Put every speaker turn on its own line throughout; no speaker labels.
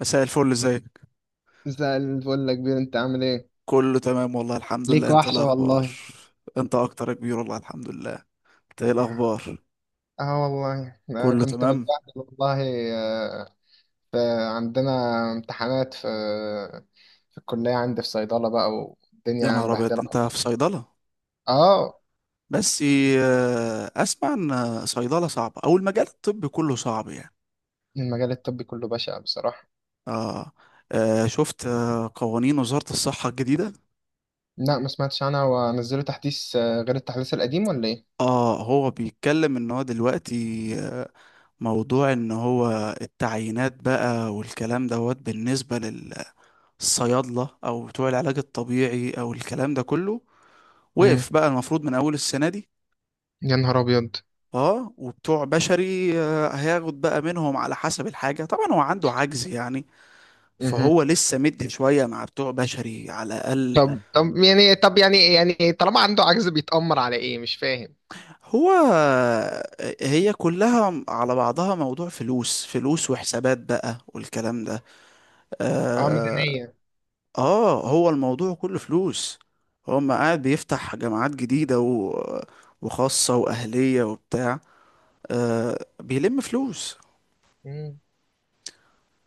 مساء الفل، ازيك؟
زي الفل يا كبير، انت عامل ايه؟
كله تمام والله، الحمد لله.
ليك
انت ايه
وحشة
الاخبار؟
والله.
انت اكتر يا كبير، والله الحمد لله. انت ايه الاخبار؟
اه والله،
كله
كنت
تمام.
متبهدل والله. آه. ف- عندنا امتحانات في الكلية، عندي في صيدلة بقى
يا
والدنيا
نهار ابيض،
مبهدلة.
انت في صيدله؟
اه
بس اسمع ان صيدله صعبه، او المجال الطبي كله صعب يعني.
المجال الطبي كله بشع بصراحة.
اه, شفت قوانين وزاره الصحه الجديده.
لا ما سمعتش عنها، ونزلوا تحديث غير التحديث القديم ولا ايه؟
اه هو بيتكلم ان هو دلوقتي آه، موضوع ان هو التعيينات بقى والكلام دوت، بالنسبه الصيادلة أو بتوع العلاج الطبيعي أو الكلام ده كله
مم.
وقف بقى، المفروض من أول السنة دي.
يا نهار ابيض.
اه وبتوع بشري هياخد بقى منهم على حسب الحاجة، طبعا هو عنده عجز يعني،
مهم.
فهو لسه مد شوية مع بتوع بشري على الأقل.
طب طب يعني طالما عنده عجز بيتأمر على ايه، مش فاهم.
هو آه، هي كلها على بعضها موضوع فلوس، فلوس وحسابات بقى والكلام ده.
اه
آه،
ميزانية.
اه هو الموضوع كله فلوس. هو ما قاعد بيفتح جامعات جديدة وخاصة وأهلية وبتاع، بيلم فلوس.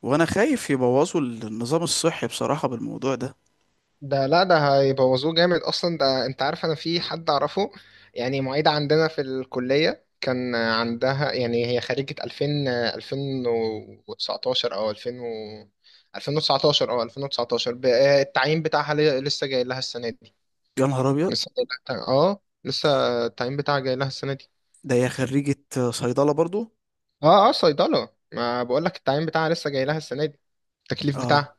وأنا خايف يبوظوا النظام الصحي بصراحة بالموضوع ده.
ده لا، ده هيبوظوه جامد اصلا. ده انت عارف انا في حد اعرفه يعني، معيدة عندنا في الكلية كان عندها، يعني هي خريجة 2000 2019 او 2000 و 2019 او 2019 التعيين بتاعها لسه جاي لها السنة دي.
يا نهار أبيض،
لسه جاي لها، اه لسه التعيين بتاعها جاي لها السنة دي.
ده هي خريجة صيدلة برضو؟
اه اه صيدلة، ما بقول لك التعيين بتاعها لسه جاي لها السنة دي، التكليف
اه،
بتاعها.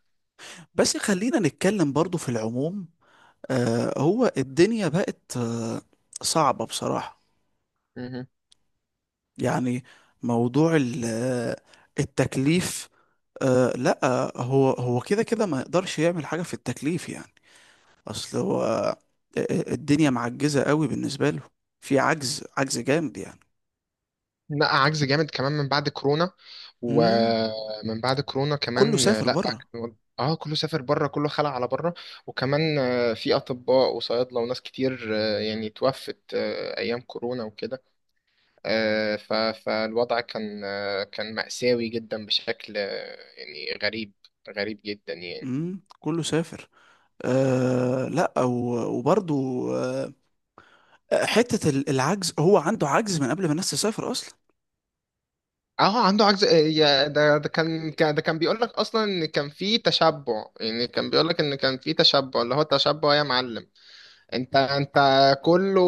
بس خلينا نتكلم برضو في العموم. هو الدنيا بقت صعبة بصراحة يعني. موضوع التكليف، أه لا، هو كده كده ما يقدرش يعمل حاجة في التكليف يعني. اصل هو الدنيا معجزة قوي بالنسبة له. في عجز، عجز جامد يعني.
لا عجز جامد كمان من بعد كورونا.
امم
ومن بعد كورونا
كله
كمان،
سافر
لا.
بره.
اه كله سافر بره، كله خلع على بره. وكمان في اطباء وصيادله وناس كتير، يعني توفت ايام كورونا وكده. آه، ف- فالوضع كان كان مأساوي جدا، بشكل يعني غريب، غريب جدا يعني.
كله سافر. أه لا، وبرضو أه، حتة العجز، هو عنده عجز من قبل ما الناس تسافر اصلا.
اه عنده عجز ده كان ده كان بيقول لك اصلا ان كان في تشبع. يعني كان بيقول لك ان كان في تشبع، اللي هو التشبع يا معلم. انت كله،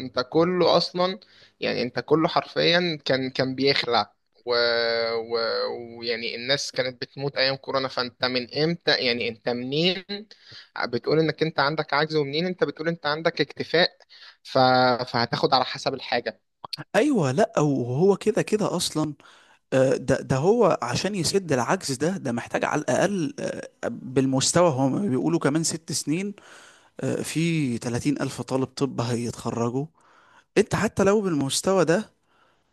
انت كله اصلا، يعني انت كله حرفيا كان بيخلع، و... و... ويعني الناس كانت بتموت ايام كورونا. فانت من امتى؟ يعني انت منين بتقول انك انت عندك عجز، ومنين انت بتقول انت عندك اكتفاء؟ ف... فهتاخد على حسب الحاجة.
ايوه لا، وهو كده كده اصلا. ده هو عشان يسد العجز ده، ده محتاج على الاقل بالمستوى، هم بيقولوا كمان ست سنين. في 30 ألف طالب طب هيتخرجوا. أنت حتى لو بالمستوى ده،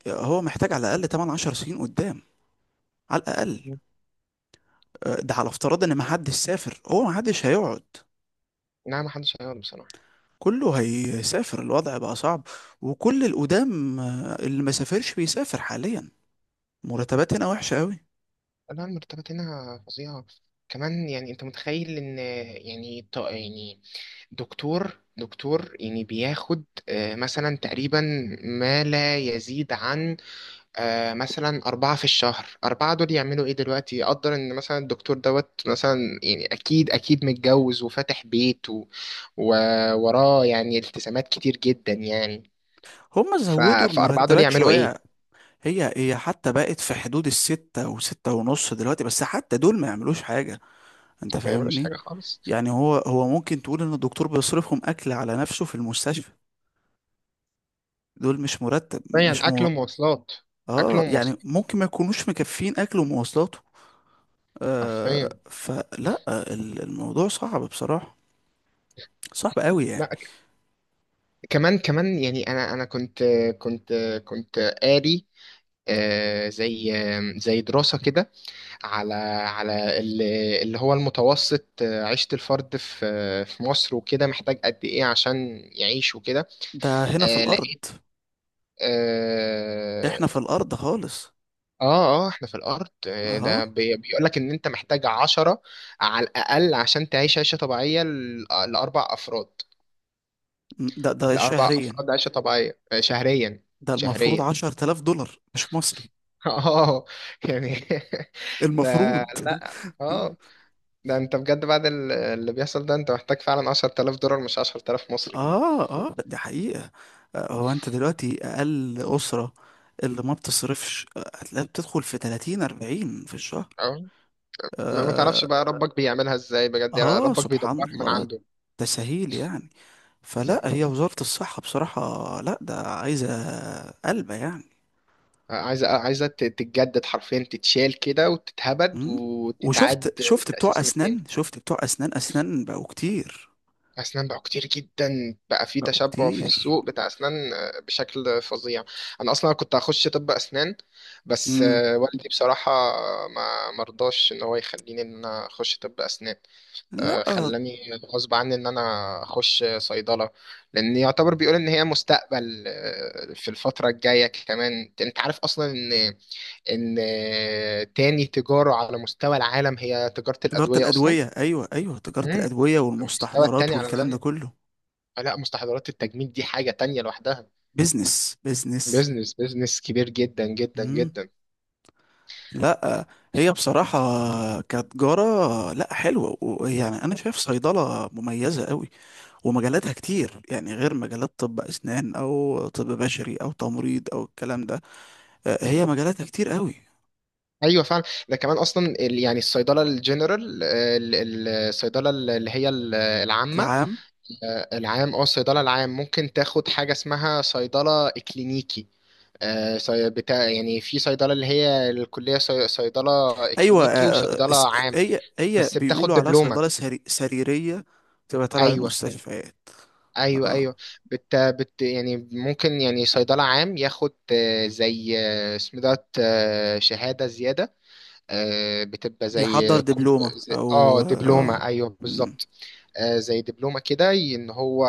هو محتاج على الأقل 8 10 سنين قدام، على الأقل.
مهم.
ده على افتراض إن محدش سافر، هو محدش هيقعد.
لا ما حدش هيقعد بصراحة.
كله هيسافر، الوضع بقى صعب. وكل القدام اللي ما سافرش بيسافر حاليا. مرتبات هنا وحشة قوي.
لا المرتبات هنا فظيعة. كمان يعني انت متخيل ان، يعني يعني دكتور يعني بياخد مثلا تقريبا ما لا يزيد عن مثلا أربعة في الشهر. أربعة دول يعملوا إيه دلوقتي؟ يقدر إن مثلا الدكتور دوت، مثلا يعني أكيد أكيد متجوز وفاتح بيت و- ووراه يعني التزامات كتير جدا يعني.
هما
ف-
زودوا
فأربعة دول
المرتبات
يعملوا
شوية.
إيه؟
هي حتى بقت في حدود الستة وستة ونص دلوقتي، بس حتى دول ما يعملوش حاجة. انت
ما يعملوش
فاهمني؟
حاجة خالص.
يعني هو ممكن تقول ان الدكتور بيصرفهم اكل على نفسه في المستشفى. دول مش مرتب،
يعني
مش
أكل
مو...
ومواصلات. أكل
اه يعني
ومواصلات،
ممكن ما يكونوش مكفين اكله ومواصلاته.
حرفيا.
فلا الموضوع صعب بصراحة، صعب قوي
لا
يعني.
كمان كمان يعني، انا كنت، كنت كنت قاري زي، زي دراسة كده على اللي هو المتوسط، عيشة الفرد في مصر وكده، محتاج قد إيه عشان يعيش وكده.
ده هنا في الارض،
لقيت،
احنا
اه
في الارض خالص.
اه احنا في الأرض.
اه
ده بيقولك إن أنت محتاج عشرة على الأقل عشان تعيش عيشة طبيعية لأربع أفراد.
ده
لأربع
شهريا؟
أفراد عيشة طبيعية، شهريا.
ده المفروض
شهريا.
عشرة آلاف دولار، مش مصري
اه يعني ده
المفروض.
لا اه، ده انت بجد بعد اللي بيحصل ده، انت محتاج فعلا 10,000 دولار مش 10,000 مصري.
اه اه، دي حقيقة. هو انت دلوقتي اقل اسرة اللي ما بتصرفش هتلاقيها بتدخل في 30 40 في الشهر.
اه ما ما تعرفش
آه,
بقى ربك بيعملها ازاي بجد يعني،
اه
ربك
سبحان
بيدبرها من
الله،
عنده.
تسهيل يعني. فلا
فاهم.
هي وزارة الصحة بصراحة، لا ده عايزة قلبة يعني.
عايزه عايزه تتجدد حرفيا، تتشال كده وتتهبد
مم.
وتتعاد
وشفت بتوع
لتأسيسها من
اسنان،
تاني.
اسنان بقوا كتير،
اسنان بقى كتير جدا، بقى في
بقوا
تشبع في
كتير.
السوق بتاع اسنان بشكل فظيع. انا اصلا كنت هخش طب اسنان، بس
مم.
والدي بصراحه ما مرضاش ان هو يخليني ان انا اخش طب اسنان.
لا،
خلاني غصب عني ان انا اخش صيدله، لان يعتبر بيقول ان هي مستقبل في الفتره الجايه. كمان انت عارف اصلا ان، تاني تجاره على مستوى العالم هي تجاره
تجارة
الادويه اصلا.
الأدوية، أيوة أيوة، تجارة
مم.
الأدوية
المستوى
والمستحضرات
التاني على
والكلام ده
العالم.
كله.
لا، مستحضرات التجميل دي حاجه تانية لوحدها.
بيزنس بيزنس.
بيزنس بيزنس كبير جدا جدا
مم.
جدا.
لا هي بصراحة كتجارة لا حلوة، ويعني أنا شايف صيدلة مميزة قوي، ومجالاتها كتير يعني غير مجالات طب أسنان أو طب بشري أو تمريض أو الكلام ده. هي مجالاتها كتير قوي.
ايوه فعلا. ده كمان اصلا يعني الصيدله الجنرال، الصيدله اللي هي العامه.
العام،
العام، اه الصيدلة العام ممكن تاخد حاجة اسمها صيدلة اكلينيكي. بتاع يعني في صيدلة اللي هي الكلية صيدلة
أيوة
اكلينيكي وصيدلة عام.
هي
بس بتاخد
بيقولوا عليها
دبلومة.
صيدلة سريرية، تبقى تبع
ايوه
المستشفيات.
ايوه
اه،
ايوه. بت يعني ممكن يعني صيدلة عام ياخد زي، اسمه دوت، شهادة زيادة. بتبقى
بيحضر دبلومة
اه
أو اه. آه،
دبلومة. ايوه
مم.
بالظبط. زي دبلومة كده ان هو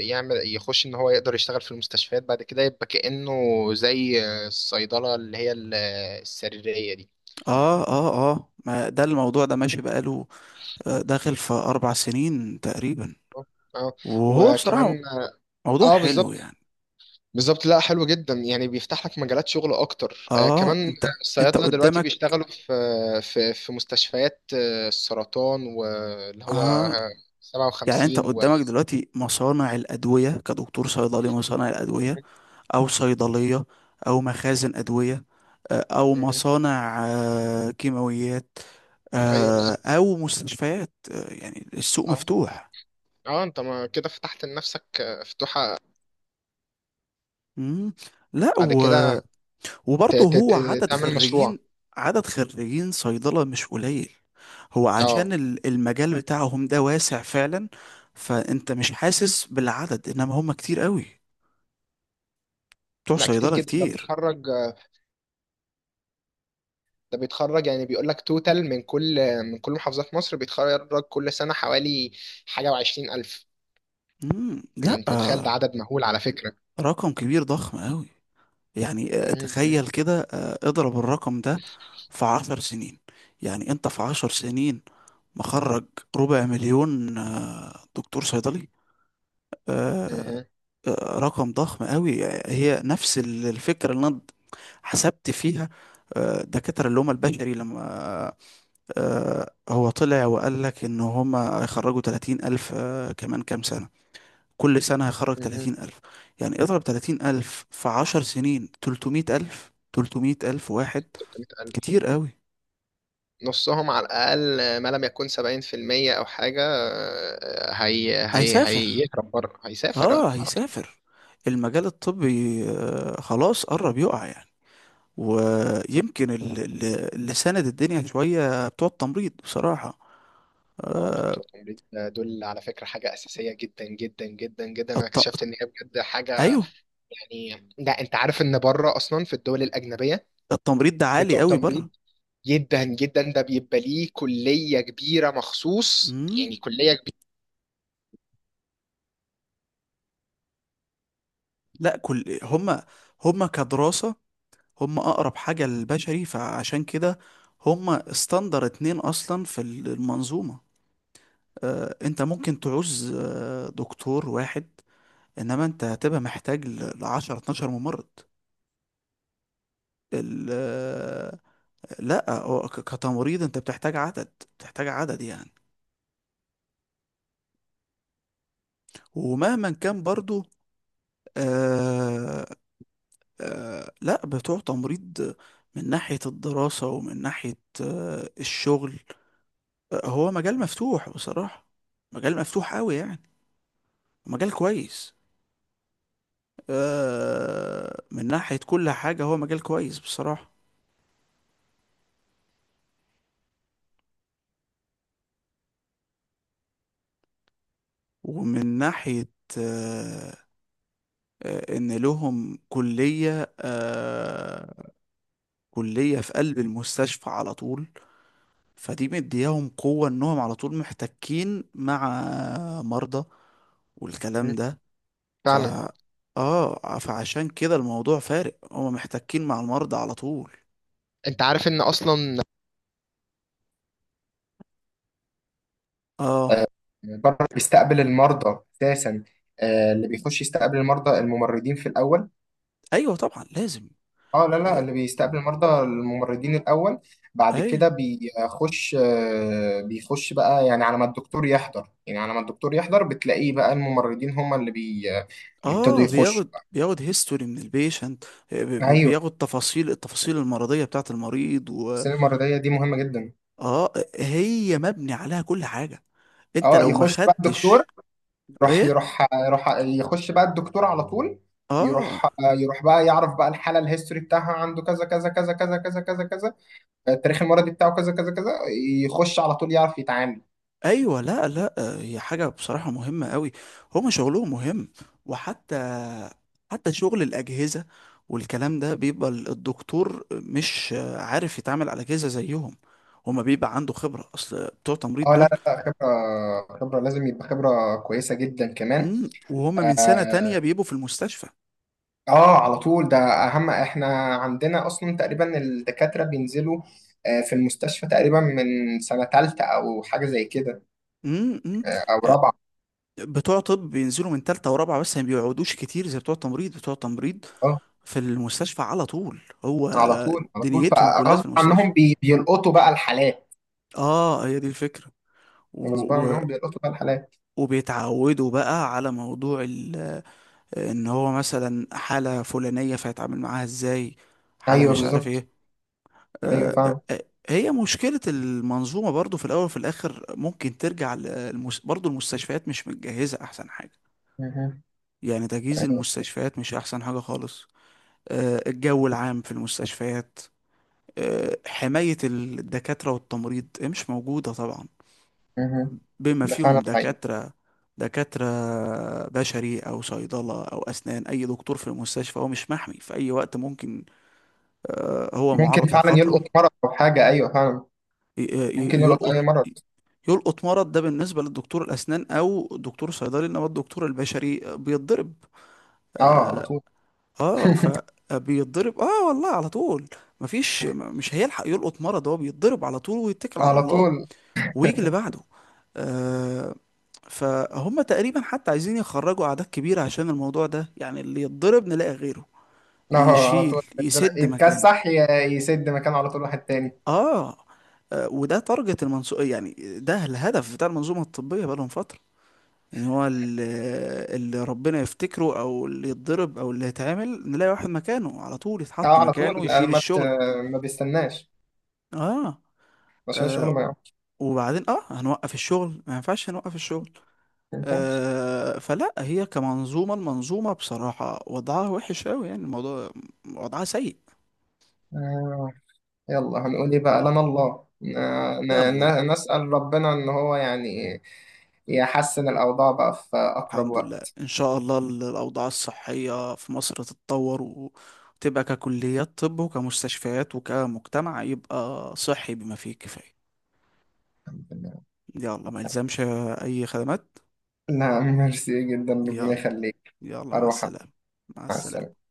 يعمل، يخش ان هو يقدر يشتغل في المستشفيات بعد كده، يبقى كأنه زي الصيدلة اللي هي السريرية دي.
اه اه اه، ما ده الموضوع ده ماشي بقاله داخل في اربع سنين تقريبا،
اه
وهو بصراحة
وكمان اه
موضوع حلو
بالظبط،
يعني.
بالظبط. لا حلو جدا، يعني بيفتح لك مجالات شغل اكتر آه
اه،
كمان.
انت
الصيادلة دلوقتي
قدامك.
بيشتغلوا في مستشفيات السرطان، واللي هو
اه يعني انت
57 و
قدامك دلوقتي مصانع الادوية، كدكتور صيدلي مصانع الادوية او صيدلية او مخازن ادوية او
مهم.
مصانع كيماويات
ايوه بالظبط.
او مستشفيات. يعني السوق
اه
مفتوح.
اه انت ما كده فتحت لنفسك فتوحة
مم. لا
بعد كده،
وبرضه هو عدد
تعمل
خريجين،
مشروع.
عدد خريجين صيدلة مش قليل، هو عشان
اه
المجال بتاعهم ده واسع فعلا، فانت مش حاسس بالعدد، انما هم كتير قوي، بتوع
لا كتير
صيدلة
جدا ده
كتير.
بيتخرج، ده بيتخرج يعني بيقول لك توتال من كل، من كل محافظات مصر بيتخرج كل سنة حوالي حاجة وعشرين ألف.
مم.
يعني
لا
انت متخيل؟ ده عدد مهول على فكرة.
رقم كبير، ضخم قوي يعني.
مهم.
تخيل كده اضرب الرقم ده في عشر سنين، يعني انت في عشر سنين مخرج ربع مليون دكتور صيدلي. آه،
مهم.
رقم ضخم قوي. هي نفس الفكرة اللي انا حسبت فيها دكاترة اللي هم البشري، لما هو طلع وقال لك ان هم هيخرجوا 30 ألف كمان كام سنة، كل سنة هيخرج
مهم.
30 ألف. يعني اضرب 30 ألف في 10 سنين، 300 ألف، 300 ألف واحد.
300,000،
كتير قوي.
نصهم على الأقل ما لم يكن 70% أو حاجة، هي
هيسافر،
هيهرب بره، هيسافر
اه
اه على طول.
هيسافر. المجال الطبي خلاص قرب يقع يعني. ويمكن اللي ساند الدنيا شوية بتوع التمريض بصراحة.
اه لا
آه،
بتوع التمريض، دول على فكرة حاجة أساسية جدا جدا جدا جدا. أنا
الت...
اكتشفت إن هي بجد حاجة
أيوه.
يعني. ده انت عارف ان بره اصلا في الدول الاجنبيه،
التمريض ده عالي
بتوع
قوي
تمريض
بره.
جدا جدا، ده بيبقى ليه كليه كبيره مخصوص. يعني
مم.
كليه كبيره.
لا كل هما، هما كدراسة، هما أقرب حاجة للبشري، فعشان كده هما استندر اتنين أصلا في المنظومة. أنت ممكن تعوز دكتور واحد، إنما أنت هتبقى محتاج ل 10 12 ممرض. ال- لا هو كتمريض انت بتحتاج عدد، بتحتاج عدد يعني. ومهما كان برضو آه لا بتوع تمريض من ناحية الدراسة ومن ناحية الشغل، هو مجال مفتوح بصراحة، مجال مفتوح قوي يعني. مجال كويس من ناحية كل حاجة. هو مجال كويس بصراحة، ومن ناحية آه ان لهم كلية، كلية في قلب المستشفى على طول، فدي مدياهم قوة انهم على طول محتكين مع مرضى والكلام
مم.
ده. ف
فعلا.
اه فعشان كده الموضوع فارق، هما محتكين مع المرضى على طول.
انت عارف ان اصلا
اه
آه، بره بيستقبل المرضى اساسا. اللي بيخش يستقبل المرضى الممرضين في الاول.
ايوه طبعا لازم.
اه لا لا،
آه،
اللي بيستقبل المرضى الممرضين الاول. بعد
ايوه
كده بيخش بيخش بقى يعني على ما الدكتور يحضر، يعني على ما الدكتور يحضر بتلاقيه بقى الممرضين هم اللي بي، بيبتدوا
اه
يخشوا.
بياخد هيستوري من البيشنت،
ايوه.
بياخد تفاصيل، التفاصيل المرضية بتاعت المريض. و
السنه المرضيه دي مهمه جدا.
اه هي مبني عليها كل حاجة. انت
اه
لو ما
يخش بقى الدكتور،
خدتش
يروح
ايه.
يروح يروح يخش بقى الدكتور على طول.
اه
يروح، يروح بقى يعرف بقى الحاله، الهيستوري بتاعها عنده كذا كذا كذا كذا كذا كذا كذا. التاريخ المرضي بتاعه كذا كذا كذا. يخش على طول، يعرف يتعامل.
ايوه لا لا، هي حاجه بصراحه مهمه قوي، هما شغلهم مهم. وحتى شغل الاجهزه والكلام ده، بيبقى الدكتور مش عارف يتعامل على اجهزه زيهم. هما بيبقى عنده خبره، اصل بتوع تمريض
اه لا
دول
لا لا، خبره، خبره لازم يبقى خبره كويسه جدا كمان.
مم، وهما من سنه تانية
اه
بيبقوا في المستشفى.
على طول. ده اهم، احنا عندنا اصلا تقريبا الدكاتره بينزلوا في المستشفى تقريبا من سنه ثالثه او حاجه زي كده،
مم.
او رابعه.
بتوع طب بينزلوا من تالتة ورابعة، بس ما بيقعدوش كتير زي بتوع تمريض. بتوع تمريض
اه
في المستشفى على طول، هو
على طول، على طول
دنيتهم كلها في
فغصب
المستشفى.
عنهم بيلقطوا بقى الحالات.
اه هي دي الفكرة.
غصب
و- و-
عنهم بيلقطوا بقى الحالات.
وبيتعودوا بقى على موضوع ان هو مثلا حالة فلانية فيتعامل معاها ازاي، حالة
ايوه
مش عارف
بالظبط.
ايه.
ايوه فعلا.
هي مشكلة المنظومة برضو في الاول وفي الاخر ممكن ترجع برضو المستشفيات مش متجهزة احسن حاجة
مهم.
يعني، تجهيز
ايوه.
المستشفيات مش احسن حاجة خالص. الجو العام في المستشفيات، حماية الدكاترة والتمريض مش موجودة طبعا،
مهم.
بما
ده
فيهم
فعلا حقيقي.
دكاترة. دكاترة بشري أو صيدلة أو أسنان، أي دكتور في المستشفى هو مش محمي، في أي وقت ممكن هو
ممكن
معرض
فعلا
للخطر.
يلقط مرض او حاجه، ايوه فعلا. ممكن يلقط
يلقط،
اي مرض.
يلقط مرض. ده بالنسبة للدكتور الأسنان أو دكتور صيدلي، إنما الدكتور البشري بيتضرب.
اه على
آه
طول.
فبيتضرب والله على طول. مفيش مش هيلحق يلقط مرض، هو بيتضرب على طول ويتكل على
على
الله،
طول.
ويجي اللي بعده. آه فهم تقريبا حتى عايزين يخرجوا أعداد كبيرة عشان الموضوع ده يعني، اللي يتضرب نلاقي غيره
اه على
يشيل،
طول، يقدر
يسد مكانه.
يتكسح يسد مكانه على طول واحد تاني.
آه وده تارجت المنظومة يعني، ده الهدف بتاع المنظومة الطبية بقالهم فترة، ان هو اللي ربنا يفتكره او اللي يتضرب او اللي يتعامل نلاقي واحد مكانه على طول
اه
يتحط
على طول
مكانه يشيل الشغل.
ما بيستناش
اه,
عشان الشغل
آه
ما يقعدش.
وبعدين اه هنوقف الشغل، ما ينفعش نوقف الشغل.
ما
فلا هي كمنظومة، المنظومة بصراحة وضعها وحش أوي يعني، الموضوع وضعها سيء.
ينفعش. يلا هنقول ايه بقى، لنا الله.
يلا،
نسأل ربنا ان هو يعني يحسن الاوضاع بقى في اقرب
الحمد لله،
وقت.
إن شاء الله الأوضاع الصحية في مصر تتطور، و- وتبقى ككليات طب وكمستشفيات وكمجتمع يبقى صحي بما فيه الكفاية.
الحمد لله.
يلا ما يلزمش أي خدمات.
لا ميرسي جدا، ربنا
يلا،
يخليك.
يلا مع
اروح أنا.
السلامة. مع
مع
السلامة.
السلامة.